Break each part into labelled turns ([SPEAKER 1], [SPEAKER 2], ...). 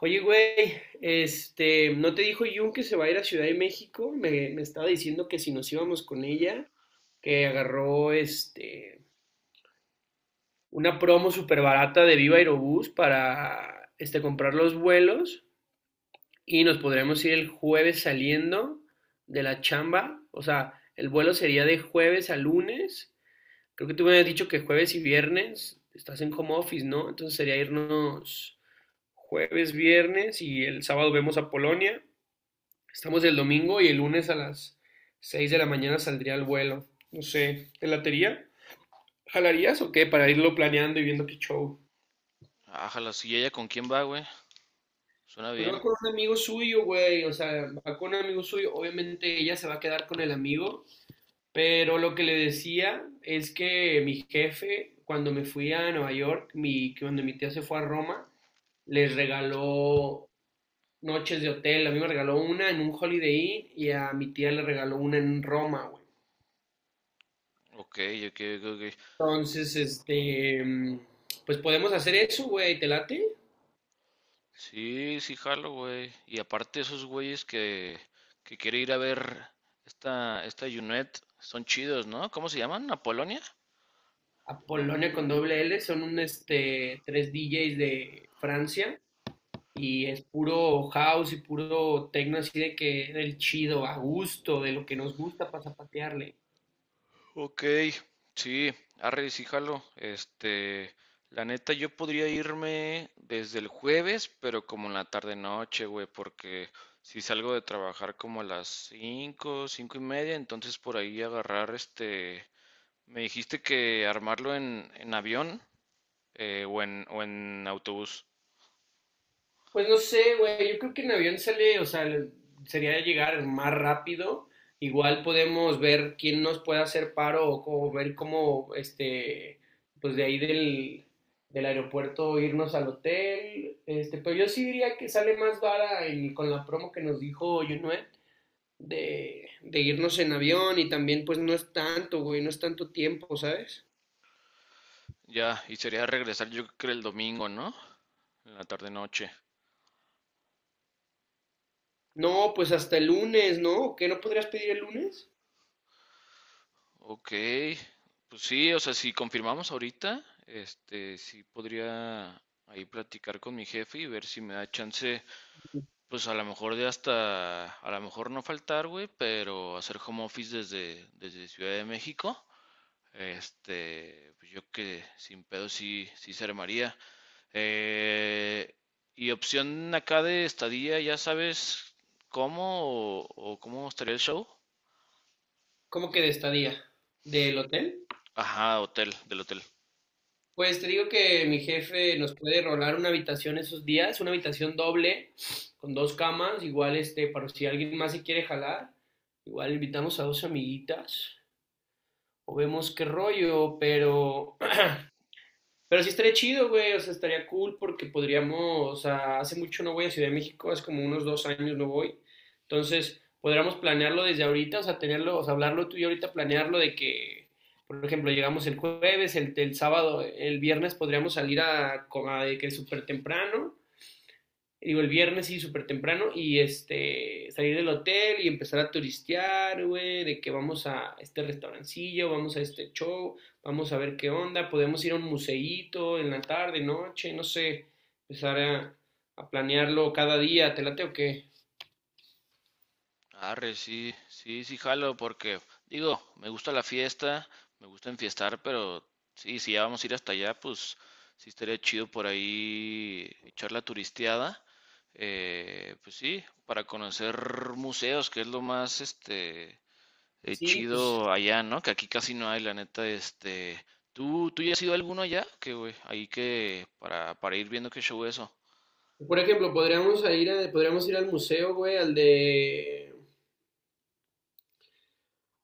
[SPEAKER 1] Oye, güey, ¿no te dijo Jun que se va a ir a Ciudad de México? Me estaba diciendo que si nos íbamos con ella, que agarró una promo súper barata de Viva Aerobús para comprar los vuelos y nos podremos ir el jueves saliendo de la chamba. O sea, el vuelo sería de jueves a lunes. Creo que tú me habías dicho que jueves y viernes estás en home office, ¿no? Entonces sería irnos jueves, viernes y el sábado vemos a Polonia. Estamos el domingo y el lunes a las 6 de la mañana saldría el vuelo. No sé, ¿te latería? ¿Jalarías o qué? Para irlo planeando y viendo qué show.
[SPEAKER 2] Ájala, sí, ella con quién va, güey? Suena
[SPEAKER 1] Pues va
[SPEAKER 2] bien.
[SPEAKER 1] con un amigo suyo, güey. O sea, va con un amigo suyo. Obviamente ella se va a quedar con el amigo. Pero lo que le decía es que mi jefe, cuando me fui a Nueva York, cuando mi tía se fue a Roma, les regaló noches de hotel. A mí me regaló una en un Holiday Inn y a mi tía le regaló una en Roma, güey.
[SPEAKER 2] Ok, ok, ok, ok.
[SPEAKER 1] Entonces, pues podemos hacer eso, güey, ¿te late?
[SPEAKER 2] Sí, sí, jalo, güey. Y aparte esos güeyes que quiere ir a ver esta Junet, son chidos, ¿no? ¿Cómo se llaman? ¿Apolonia?
[SPEAKER 1] Apolonia con doble L, son tres DJs de Francia y es puro house y puro techno así de que del chido, a gusto, de lo que nos gusta para zapatearle.
[SPEAKER 2] Ok, sí, arre, sí, jalo. La neta, yo podría irme desde el jueves, pero como en la tarde-noche, güey, porque si salgo de trabajar como a las 5, 5 y media, entonces por ahí agarrar este. Me dijiste que armarlo en avión, o o en autobús.
[SPEAKER 1] Pues no sé, güey, yo creo que en avión sale, o sea, sería llegar más rápido. Igual podemos ver quién nos puede hacer paro o ver cómo, pues de ahí del aeropuerto irnos al hotel. Pero yo sí diría que sale más vara con la promo que nos dijo Junuet de irnos en avión y también pues no es tanto, güey, no es tanto tiempo, ¿sabes?
[SPEAKER 2] Ya, y sería regresar yo creo que el domingo, ¿no? En la tarde noche.
[SPEAKER 1] No, pues hasta el lunes, ¿no? ¿Qué no podrías pedir el lunes?
[SPEAKER 2] Ok, pues sí, o sea, si confirmamos ahorita, este, sí podría ahí platicar con mi jefe y ver si me da chance, pues a lo mejor de hasta, a lo mejor no faltar, güey, pero hacer home office desde Ciudad de México. Este, pues yo que sin pedo sí se armaría. Eh, y opción acá de estadía, ya sabes cómo o cómo estaría el show.
[SPEAKER 1] ¿Cómo que de estadía? ¿Del hotel?
[SPEAKER 2] Ajá, hotel, del hotel.
[SPEAKER 1] Pues te digo que mi jefe nos puede rolar una habitación esos días, una habitación doble, con dos camas, igual para si alguien más se quiere jalar, igual invitamos a dos amiguitas, o vemos qué rollo, pero sí estaría chido, güey, o sea, estaría cool porque podríamos, o sea, hace mucho no voy a Ciudad de México, hace como unos 2 años no voy. Entonces, podríamos planearlo desde ahorita, o sea, tenerlo, o sea, hablarlo tú y yo ahorita, planearlo de que, por ejemplo, llegamos el jueves, el viernes podríamos salir a de que súper temprano, digo, el viernes sí, súper temprano, y salir del hotel y empezar a turistear, güey, de que vamos a este restaurancillo, vamos a este show, vamos a ver qué onda, podemos ir a un museíto en la tarde, noche, no sé, empezar a planearlo cada día, ¿te late o qué?
[SPEAKER 2] Arre, sí, sí, sí, jalo, porque digo, me gusta la fiesta, me gusta enfiestar, pero sí, si ya vamos a ir hasta allá, pues sí estaría chido por ahí echar la turisteada. Pues sí, para conocer museos, que es lo más, este,
[SPEAKER 1] Sí, pues,
[SPEAKER 2] chido allá, ¿no? Que aquí casi no hay, la neta, este... ¿Tú ya has ido a alguno allá? Que, güey, ahí que... Para ir viendo qué show eso.
[SPEAKER 1] por ejemplo, podríamos ir al museo, güey, al de...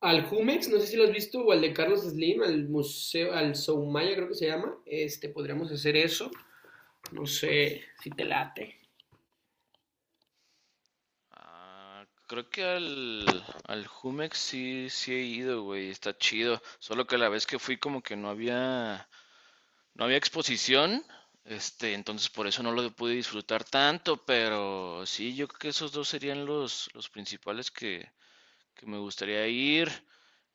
[SPEAKER 1] Al Jumex, no sé si lo has visto, o al de Carlos Slim, al museo, al Soumaya creo que se llama, podríamos hacer eso. No sé si te late.
[SPEAKER 2] Ah, creo que al Jumex sí, sí he ido, güey, está chido. Solo que la vez que fui como que no había, no había exposición, este, entonces por eso no lo pude disfrutar tanto, pero sí, yo creo que esos dos serían los principales que me gustaría ir.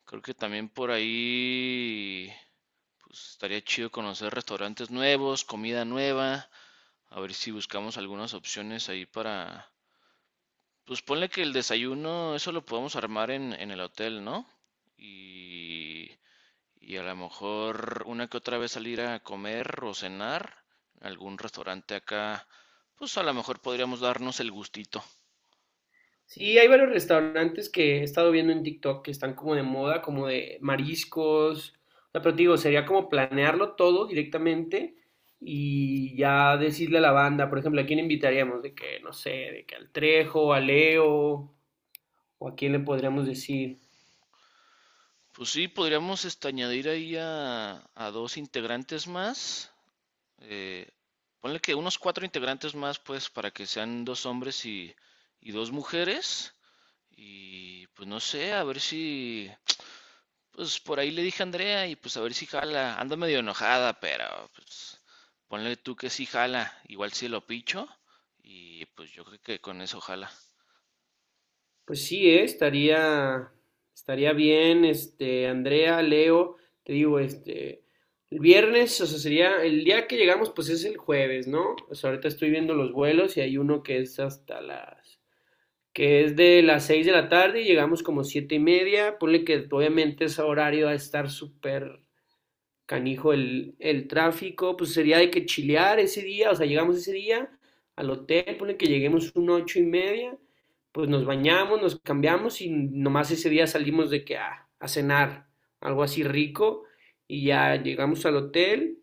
[SPEAKER 2] Creo que también por ahí... Pues estaría chido conocer restaurantes nuevos, comida nueva, a ver si buscamos algunas opciones ahí para... Pues ponle que el desayuno, eso lo podemos armar en el hotel, ¿no? Y, y a lo mejor una que otra vez salir a comer o cenar, en algún restaurante acá, pues a lo mejor podríamos darnos el gustito.
[SPEAKER 1] Sí, hay varios restaurantes que he estado viendo en TikTok que están como de moda, como de mariscos. O sea, pero te digo, sería como planearlo todo directamente y ya decirle a la banda, por ejemplo, ¿a quién invitaríamos? De que, no sé, de que al Trejo, a Leo, o a quién le podríamos decir.
[SPEAKER 2] Pues sí, podríamos este, añadir ahí a dos integrantes más. Eh, ponle que unos cuatro integrantes más, pues, para que sean dos hombres y dos mujeres. Y pues no sé, a ver si, pues por ahí le dije a Andrea y pues a ver si jala. Anda medio enojada, pero pues ponle tú que sí jala, igual si lo picho. Y pues yo creo que con eso jala
[SPEAKER 1] Pues sí, estaría bien, Andrea, Leo, te digo, el viernes, o sea, sería, el día que llegamos, pues es el jueves, ¿no? O sea, ahorita estoy viendo los vuelos y hay uno que es que es de las 6 de la tarde y llegamos como 7 y media, ponle que obviamente ese horario va a estar súper canijo el tráfico, pues sería de que chilear ese día, o sea, llegamos ese día al hotel, ponle que lleguemos un 8 y media, pues nos bañamos, nos cambiamos y nomás ese día salimos de que ah, a cenar, algo así rico, y ya llegamos al hotel,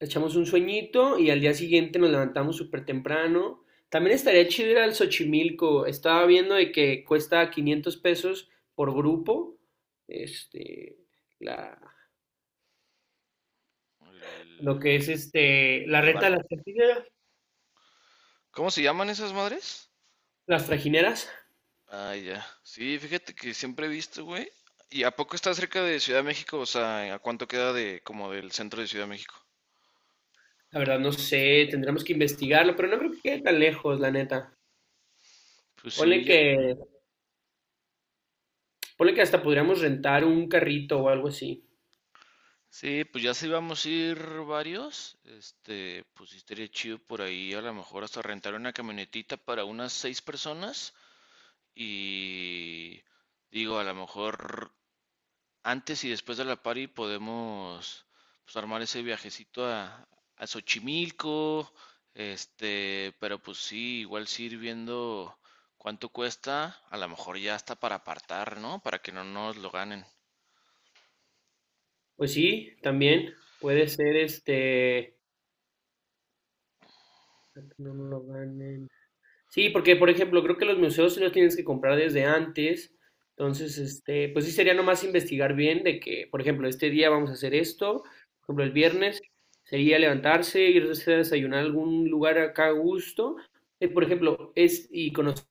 [SPEAKER 1] echamos un sueñito y al día siguiente nos levantamos súper temprano. También estaría chido ir al Xochimilco, estaba viendo de que cuesta 500 pesos por grupo, este, la,
[SPEAKER 2] el,
[SPEAKER 1] lo que es la
[SPEAKER 2] el
[SPEAKER 1] reta
[SPEAKER 2] barco.
[SPEAKER 1] de las trajineras,
[SPEAKER 2] ¿Cómo se llaman esas madres?
[SPEAKER 1] las trajineras.
[SPEAKER 2] Ah, ya. Sí, fíjate que siempre he visto, güey. ¿Y a poco está cerca de Ciudad de México? O sea, ¿a cuánto queda de como del centro de Ciudad de México?
[SPEAKER 1] La verdad no sé, tendremos que investigarlo, pero no creo que quede tan lejos, la neta.
[SPEAKER 2] Pues
[SPEAKER 1] Ponle
[SPEAKER 2] sí, ya,
[SPEAKER 1] que Ponle que hasta podríamos rentar un carrito o algo así.
[SPEAKER 2] sí, pues ya sí vamos a ir varios. Este, pues sí estaría chido por ahí, a lo mejor hasta rentar una camionetita para unas seis personas. Y digo, a lo mejor antes y después de la party podemos, pues, armar ese viajecito a Xochimilco, este, pero pues sí, igual sí ir viendo cuánto cuesta, a lo mejor ya está para apartar, ¿no? Para que no nos lo ganen.
[SPEAKER 1] Pues sí, también puede ser. Para que no nos lo ganen. Sí, porque por ejemplo, creo que los museos sí los tienes que comprar desde antes. Entonces, pues sí sería nomás investigar bien de que, por ejemplo, este día vamos a hacer esto, por ejemplo, el viernes sería levantarse, irse a desayunar a algún lugar acá a gusto, por ejemplo, es y conocer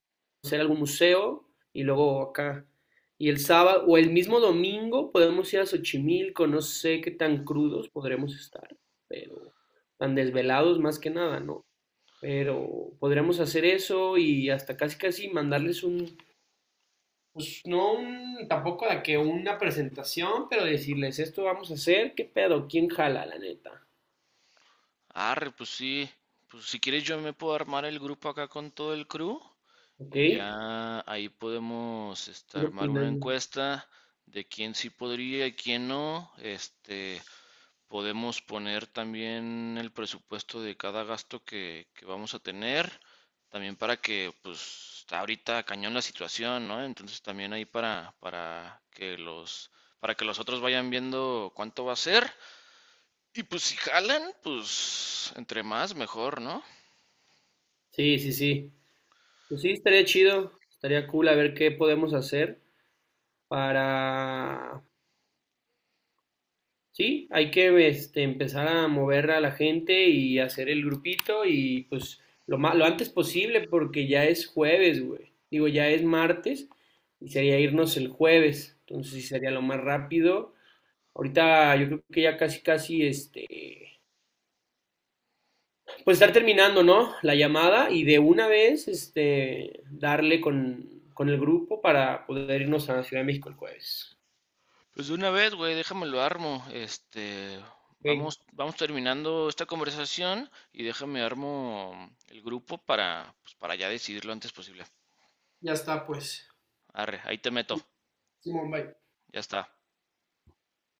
[SPEAKER 1] algún museo y luego acá. Y el sábado o el mismo domingo podemos ir a Xochimilco, no sé qué tan crudos podremos estar, pero tan desvelados más que nada, ¿no? Pero podríamos hacer eso y hasta casi casi mandarles un, pues no un, tampoco de que una presentación, pero decirles esto vamos a hacer, qué pedo, quién jala, la neta.
[SPEAKER 2] Arre, pues sí, pues si quieres yo me puedo armar el grupo acá con todo el crew
[SPEAKER 1] ¿Ok?
[SPEAKER 2] y
[SPEAKER 1] Ir
[SPEAKER 2] ya ahí podemos este, armar una
[SPEAKER 1] opinando.
[SPEAKER 2] encuesta de quién sí podría y quién no, este, podemos poner también el presupuesto de cada gasto que vamos a tener, también para que, pues, está ahorita cañón la situación, ¿no? Entonces también ahí para que para que los otros vayan viendo cuánto va a ser. Y pues si jalan, pues entre más mejor, ¿no?
[SPEAKER 1] Sí, sí, sí. Pues sí, estaría chido, estaría cool a ver qué podemos hacer para. Sí, hay que empezar a mover a la gente y hacer el grupito y pues lo antes posible porque ya es jueves, güey. Digo, ya es martes y sería irnos el jueves. Entonces sí sería lo más rápido. Ahorita yo creo que ya casi casi pues estar terminando, ¿no? La llamada y de una vez darle con el grupo para poder irnos a Ciudad de México el jueves.
[SPEAKER 2] Pues de una vez, güey, déjame lo armo. Este,
[SPEAKER 1] Ok.
[SPEAKER 2] vamos terminando esta conversación y déjame armo el grupo para, pues, para ya decidirlo antes posible.
[SPEAKER 1] Ya está, pues.
[SPEAKER 2] Arre, ahí te meto.
[SPEAKER 1] Simón, bye.
[SPEAKER 2] Ya está.